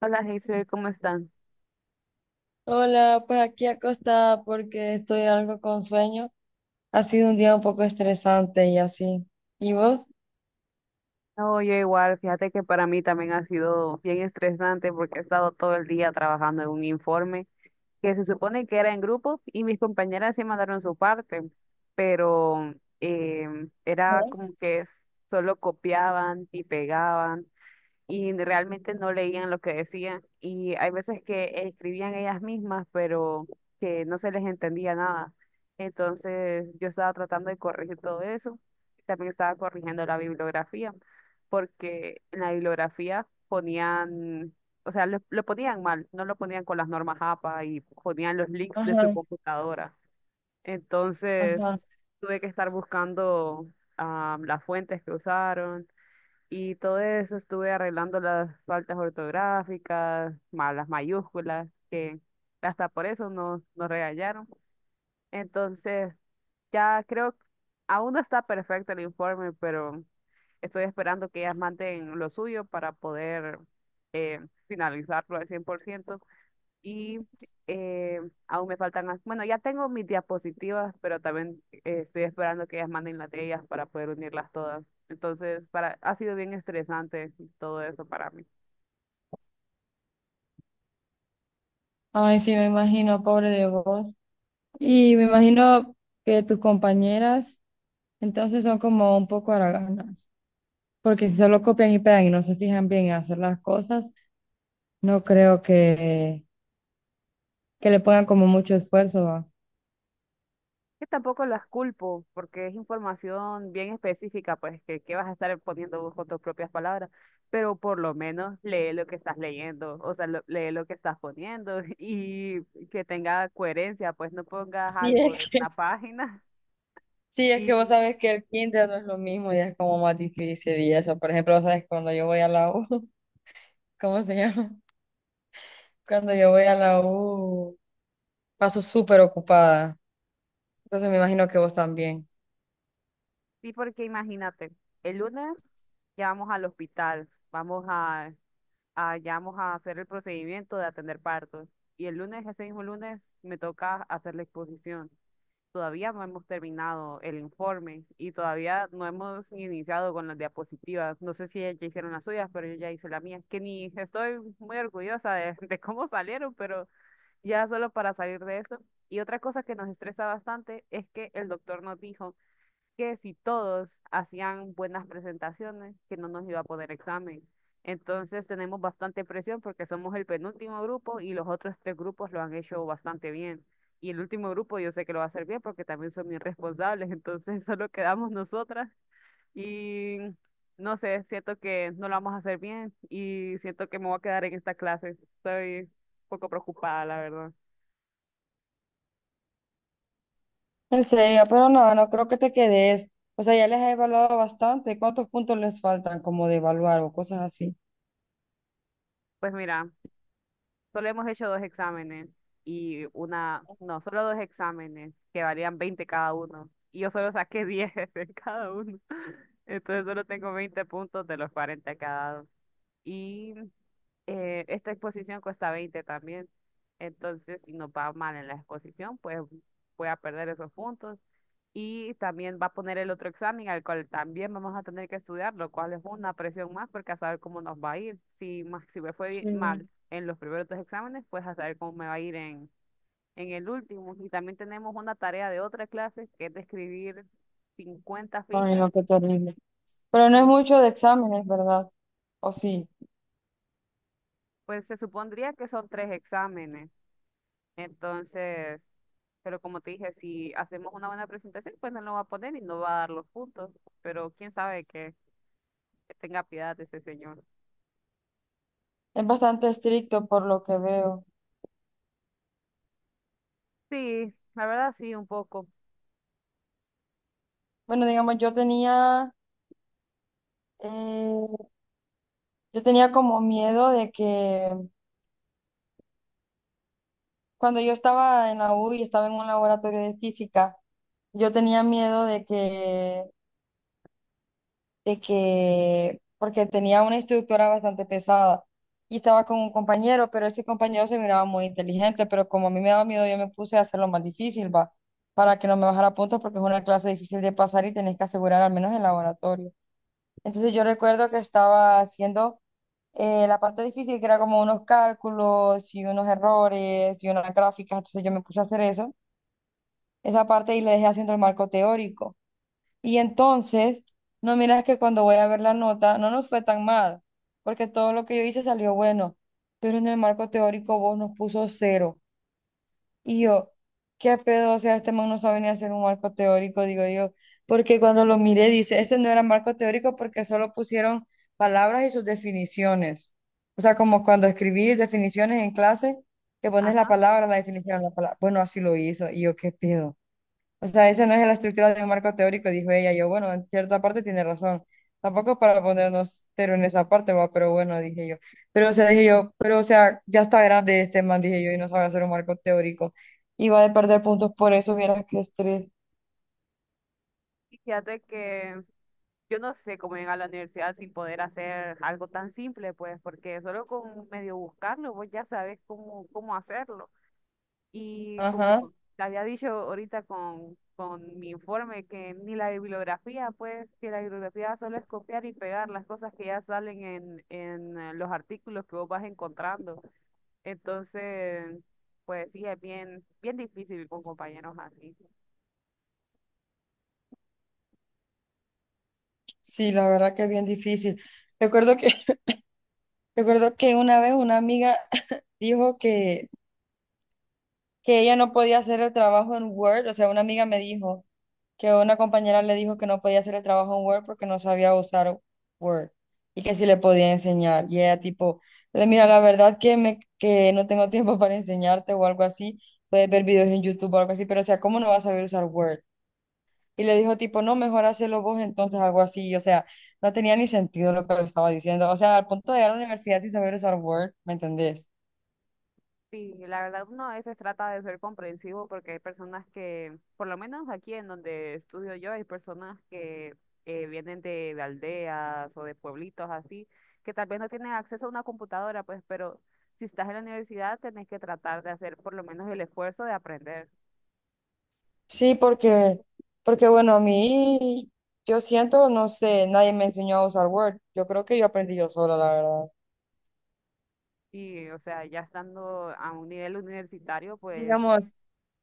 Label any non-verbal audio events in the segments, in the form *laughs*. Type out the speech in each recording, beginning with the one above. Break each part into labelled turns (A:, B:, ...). A: Hola, Giselle, ¿cómo están?
B: Hola, pues aquí acostada porque estoy algo con sueño. Ha sido un día un poco estresante y así. ¿Y vos?
A: Oye, igual, fíjate que para mí también ha sido bien estresante porque he estado todo el día trabajando en un informe que se supone que era en grupo y mis compañeras sí mandaron su parte, pero era
B: Ujú.
A: como que solo copiaban y pegaban y realmente no leían lo que decían y hay veces que escribían ellas mismas, pero que no se les entendía nada. Entonces yo estaba tratando de corregir todo eso. También estaba corrigiendo la bibliografía, porque en la bibliografía ponían, o sea, lo ponían mal, no lo ponían con las normas APA y ponían los links de su
B: Ajá,
A: computadora. Entonces
B: ajá.
A: tuve que estar buscando las fuentes que usaron y todo eso estuve arreglando las faltas ortográficas, malas mayúsculas, que hasta por eso nos regañaron. Entonces, ya creo, aún no está perfecto el informe, pero estoy esperando que ellas manden lo suyo para poder eh, finalizarlo al 100%. Y eh, aún me faltan, bueno, ya tengo mis diapositivas, pero también estoy esperando que ellas manden las de ellas para poder unirlas todas. Entonces, ha sido bien estresante todo eso para mí.
B: Ay, sí, me imagino, pobre de vos. Y me imagino que tus compañeras entonces son como un poco haraganas, porque si solo copian y pegan y no se fijan bien en hacer las cosas, no creo que le pongan como mucho esfuerzo, ¿va?
A: Que tampoco las culpo, porque es información bien específica, pues que vas a estar poniendo vos con tus propias palabras, pero por lo menos lee lo que estás leyendo, o sea, lee lo que estás poniendo *laughs* y que tenga coherencia, pues no pongas
B: Sí,
A: algo de
B: es
A: una página.
B: Sí,
A: *laughs*
B: es que vos
A: y
B: sabes que el kinder no es lo mismo, ya es como más difícil y eso. Por ejemplo, vos sabes cuando yo voy a la U, *laughs* ¿cómo se llama? Cuando yo voy a la U, paso súper ocupada. Entonces me imagino que vos también.
A: Sí, porque imagínate, el lunes ya vamos al hospital, ya vamos a hacer el procedimiento de atender partos. Y el lunes, ese mismo lunes, me toca hacer la exposición. Todavía no hemos terminado el informe y todavía no hemos iniciado con las diapositivas. No sé si ya hicieron las suyas, pero yo ya hice la mía, que ni estoy muy orgullosa de, *laughs* de cómo salieron, pero ya solo para salir de eso. Y otra cosa que nos estresa bastante es que el doctor nos dijo que si todos hacían buenas presentaciones, que no nos iba a poner examen. Entonces tenemos bastante presión porque somos el penúltimo grupo y los otros tres grupos lo han hecho bastante bien. Y el último grupo yo sé que lo va a hacer bien porque también son bien responsables. *laughs* Entonces solo quedamos nosotras y no sé, siento que no lo vamos a hacer bien y siento que me voy a quedar en esta clase. Estoy un poco preocupada, la verdad.
B: En serio, pero no, no creo que te quedes. O sea, ya les he evaluado bastante. ¿Cuántos puntos les faltan como de evaluar o cosas así?
A: Pues mira, solo hemos hecho dos exámenes y una, no, solo dos exámenes que valían 20 cada uno. Y yo solo saqué *laughs* 10 en cada uno. *laughs* Entonces solo tengo 20 puntos de los 40 cada. Y esta exposición cuesta 20 también. Entonces, si nos va mal en la exposición, pues voy a perder esos puntos. Y también va a poner el otro examen al cual también vamos a tener que estudiar, lo cual es una presión más porque a saber cómo nos va a ir. Si, si me fue mal
B: Sí.
A: en los primeros dos exámenes, pues a saber cómo me va a ir en el último. Y también tenemos una tarea de otra clase que es de escribir 50
B: Ay,
A: fichas.
B: no, qué terrible. Pero no es
A: Y
B: mucho de exámenes, ¿verdad? O sí.
A: pues se supondría que son tres exámenes. Entonces, pero como te dije, si hacemos una buena presentación, pues no lo va a poner y no va a dar los puntos. Pero quién sabe que tenga piedad de ese señor.
B: Es bastante estricto por lo que veo.
A: Sí, la verdad sí, un poco.
B: Bueno, digamos, yo tenía... Yo tenía como miedo de que cuando yo estaba en la U y estaba en un laboratorio de física, yo tenía miedo de que, porque tenía una instructora bastante pesada y estaba con un compañero, pero ese compañero se miraba muy inteligente, pero como a mí me daba miedo, yo me puse a hacerlo más difícil, va, para que no me bajara puntos porque es una clase difícil de pasar y tenés que asegurar al menos el laboratorio. Entonces yo recuerdo que estaba haciendo la parte difícil, que era como unos cálculos y unos errores y unas gráficas. Entonces yo me puse a hacer eso, esa parte y le dejé haciendo el marco teórico. Y entonces, no miras que cuando voy a ver la nota, no nos fue tan mal, porque todo lo que yo hice salió bueno, pero en el marco teórico vos nos puso cero. Y yo, qué pedo, o sea, este man no sabe ni hacer un marco teórico, digo yo, porque cuando lo miré dice, este no era marco teórico porque solo pusieron palabras y sus definiciones. O sea, como cuando escribí definiciones en clase, que pones la
A: Ajá.
B: palabra, la definición, la palabra. Bueno, así lo hizo. Y yo, qué pedo. O sea, esa no es la estructura de un marco teórico, dijo ella. Yo, bueno, en cierta parte tiene razón. Tampoco es para ponernos cero en esa parte, va, pero bueno, dije yo. Pero, o sea, dije yo, pero, o sea, ya está grande este man, dije yo, y no sabe hacer un marco teórico. Y va a perder puntos por eso, viera qué estrés.
A: Y fíjate que yo no sé cómo llegar a la universidad sin poder hacer algo tan simple, pues, porque solo con medio buscarlo, vos ya sabes cómo, cómo hacerlo. Y como
B: Ajá,
A: te había dicho ahorita con mi informe, que ni la bibliografía, pues, que la bibliografía solo es copiar y pegar las cosas que ya salen en, en los artículos que vos vas encontrando. Entonces, pues sí, es bien, bien difícil con compañeros así.
B: sí, la verdad que es bien difícil. Recuerdo que, *laughs* recuerdo que una vez una amiga *laughs* dijo que ella no podía hacer el trabajo en Word, o sea, una amiga me dijo que una compañera le dijo que no podía hacer el trabajo en Word porque no sabía usar Word y que sí le podía enseñar. Y ella tipo, mira, la verdad que no tengo tiempo *laughs* para enseñarte o algo así, puedes ver videos en YouTube o algo así, pero o sea, ¿cómo no vas a saber usar Word? Y le dijo tipo, no, mejor hacerlo vos entonces, algo así. Y, o sea, no tenía ni sentido lo que le estaba diciendo. O sea, al punto de ir a la universidad sin saber usar Word, ¿me entendés?
A: Sí, la verdad uno a veces trata de ser comprensivo porque hay personas que, por lo menos aquí en donde estudio yo, hay personas que vienen de aldeas o de pueblitos así, que tal vez no tienen acceso a una computadora, pues, pero si estás en la universidad tenés que tratar de hacer por lo menos el esfuerzo de aprender.
B: Sí, porque bueno, a mí, yo siento, no sé, nadie me enseñó a usar Word. Yo creo que yo aprendí yo sola, la verdad.
A: Y, o sea, ya estando a un nivel universitario, pues,
B: Digamos,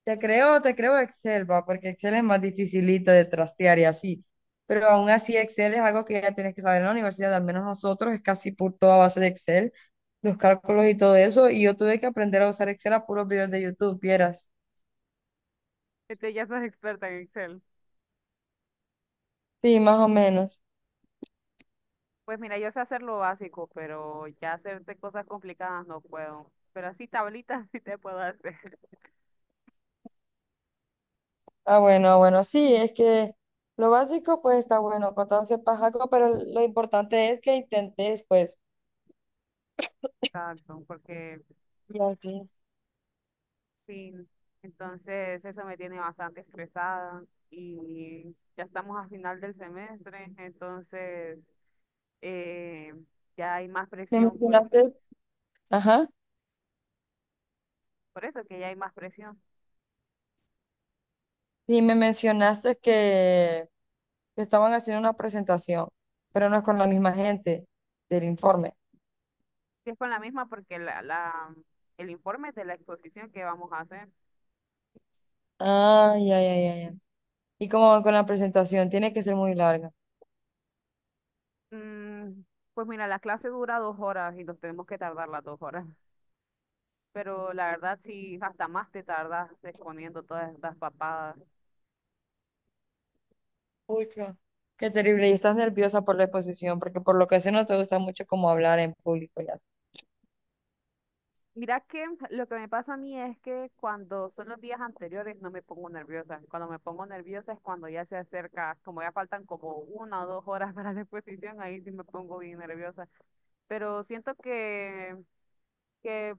B: te creo Excel, va, porque Excel es más dificilito de trastear y así. Pero aún así, Excel es algo que ya tienes que saber en la universidad, al menos nosotros, es casi por toda base de Excel, los cálculos y todo eso. Y yo tuve que aprender a usar Excel a puros videos de YouTube, vieras.
A: ya sos experta en Excel.
B: Sí, más o menos.
A: Pues mira, yo sé hacer lo básico, pero ya hacerte cosas complicadas no puedo. Pero así tablitas *laughs* sí te puedo hacer.
B: Ah, bueno, ah, bueno, sí, es que lo básico pues está bueno, cortarse pajaco, pero lo importante es que intentes, pues,
A: Exacto, porque
B: gracias.
A: sí, entonces eso me tiene bastante estresada y ya estamos a final del semestre, entonces eh, ya hay más
B: Me
A: presión, pues,
B: mencionaste, ajá,
A: por eso que ya hay más presión.
B: sí, me mencionaste que estaban haciendo una presentación, pero no es con la misma gente del informe.
A: Y es con la misma porque el informe de la exposición que vamos a hacer,
B: Ah, ya, ya, ya, ya. ¿Y cómo van con la presentación? Tiene que ser muy larga.
A: mm, pues mira, la clase dura 2 horas y nos tenemos que tardar las 2 horas, pero la verdad sí, hasta más te tardas exponiendo todas estas papadas.
B: Pucha. Qué terrible, y estás nerviosa por la exposición, porque por lo que sé no te gusta mucho como hablar en público ya.
A: Mira que lo que me pasa a mí es que cuando son los días anteriores no me pongo nerviosa. Cuando me pongo nerviosa es cuando ya se acerca, como ya faltan como 1 o 2 horas *laughs* para la exposición, ahí sí me pongo bien nerviosa. Pero siento que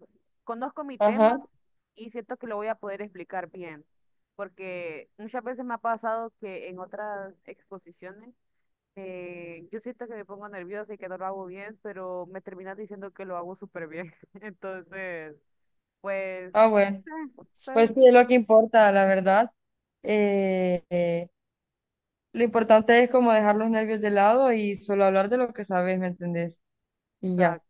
A: conozco mi tema
B: Ajá.
A: y siento que lo voy a poder explicar bien. Porque muchas veces me ha pasado que en otras exposiciones yo siento que me pongo nerviosa y que no lo hago bien, pero me terminas diciendo que lo hago súper bien. *laughs* Entonces... Pues,
B: Ah, bueno.
A: estoy,
B: Pues sí, es
A: o
B: lo que importa, la verdad. Eh, eh, lo importante es como dejar los nervios de lado y solo hablar de lo que sabes, ¿me entendés? Y
A: sea,
B: ya.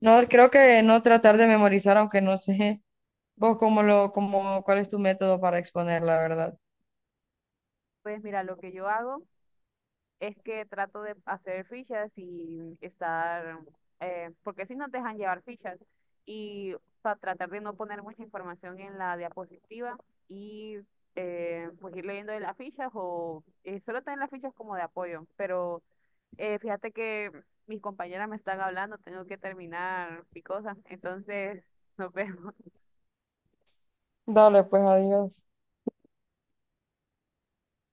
B: No, creo que no tratar de memorizar, aunque no sé *laughs* vos cómo cómo, ¿cuál es tu método para exponer, la verdad?
A: pues mira, lo que yo hago es que trato de hacer fichas y estar, porque si no te dejan llevar fichas, y para tratar de no poner mucha información en la diapositiva y pues ir leyendo de las fichas o solo tener las fichas como de apoyo, pero fíjate que mis compañeras me están hablando, tengo que terminar mi cosa, entonces nos *laughs* vemos.
B: Dale, pues, adiós.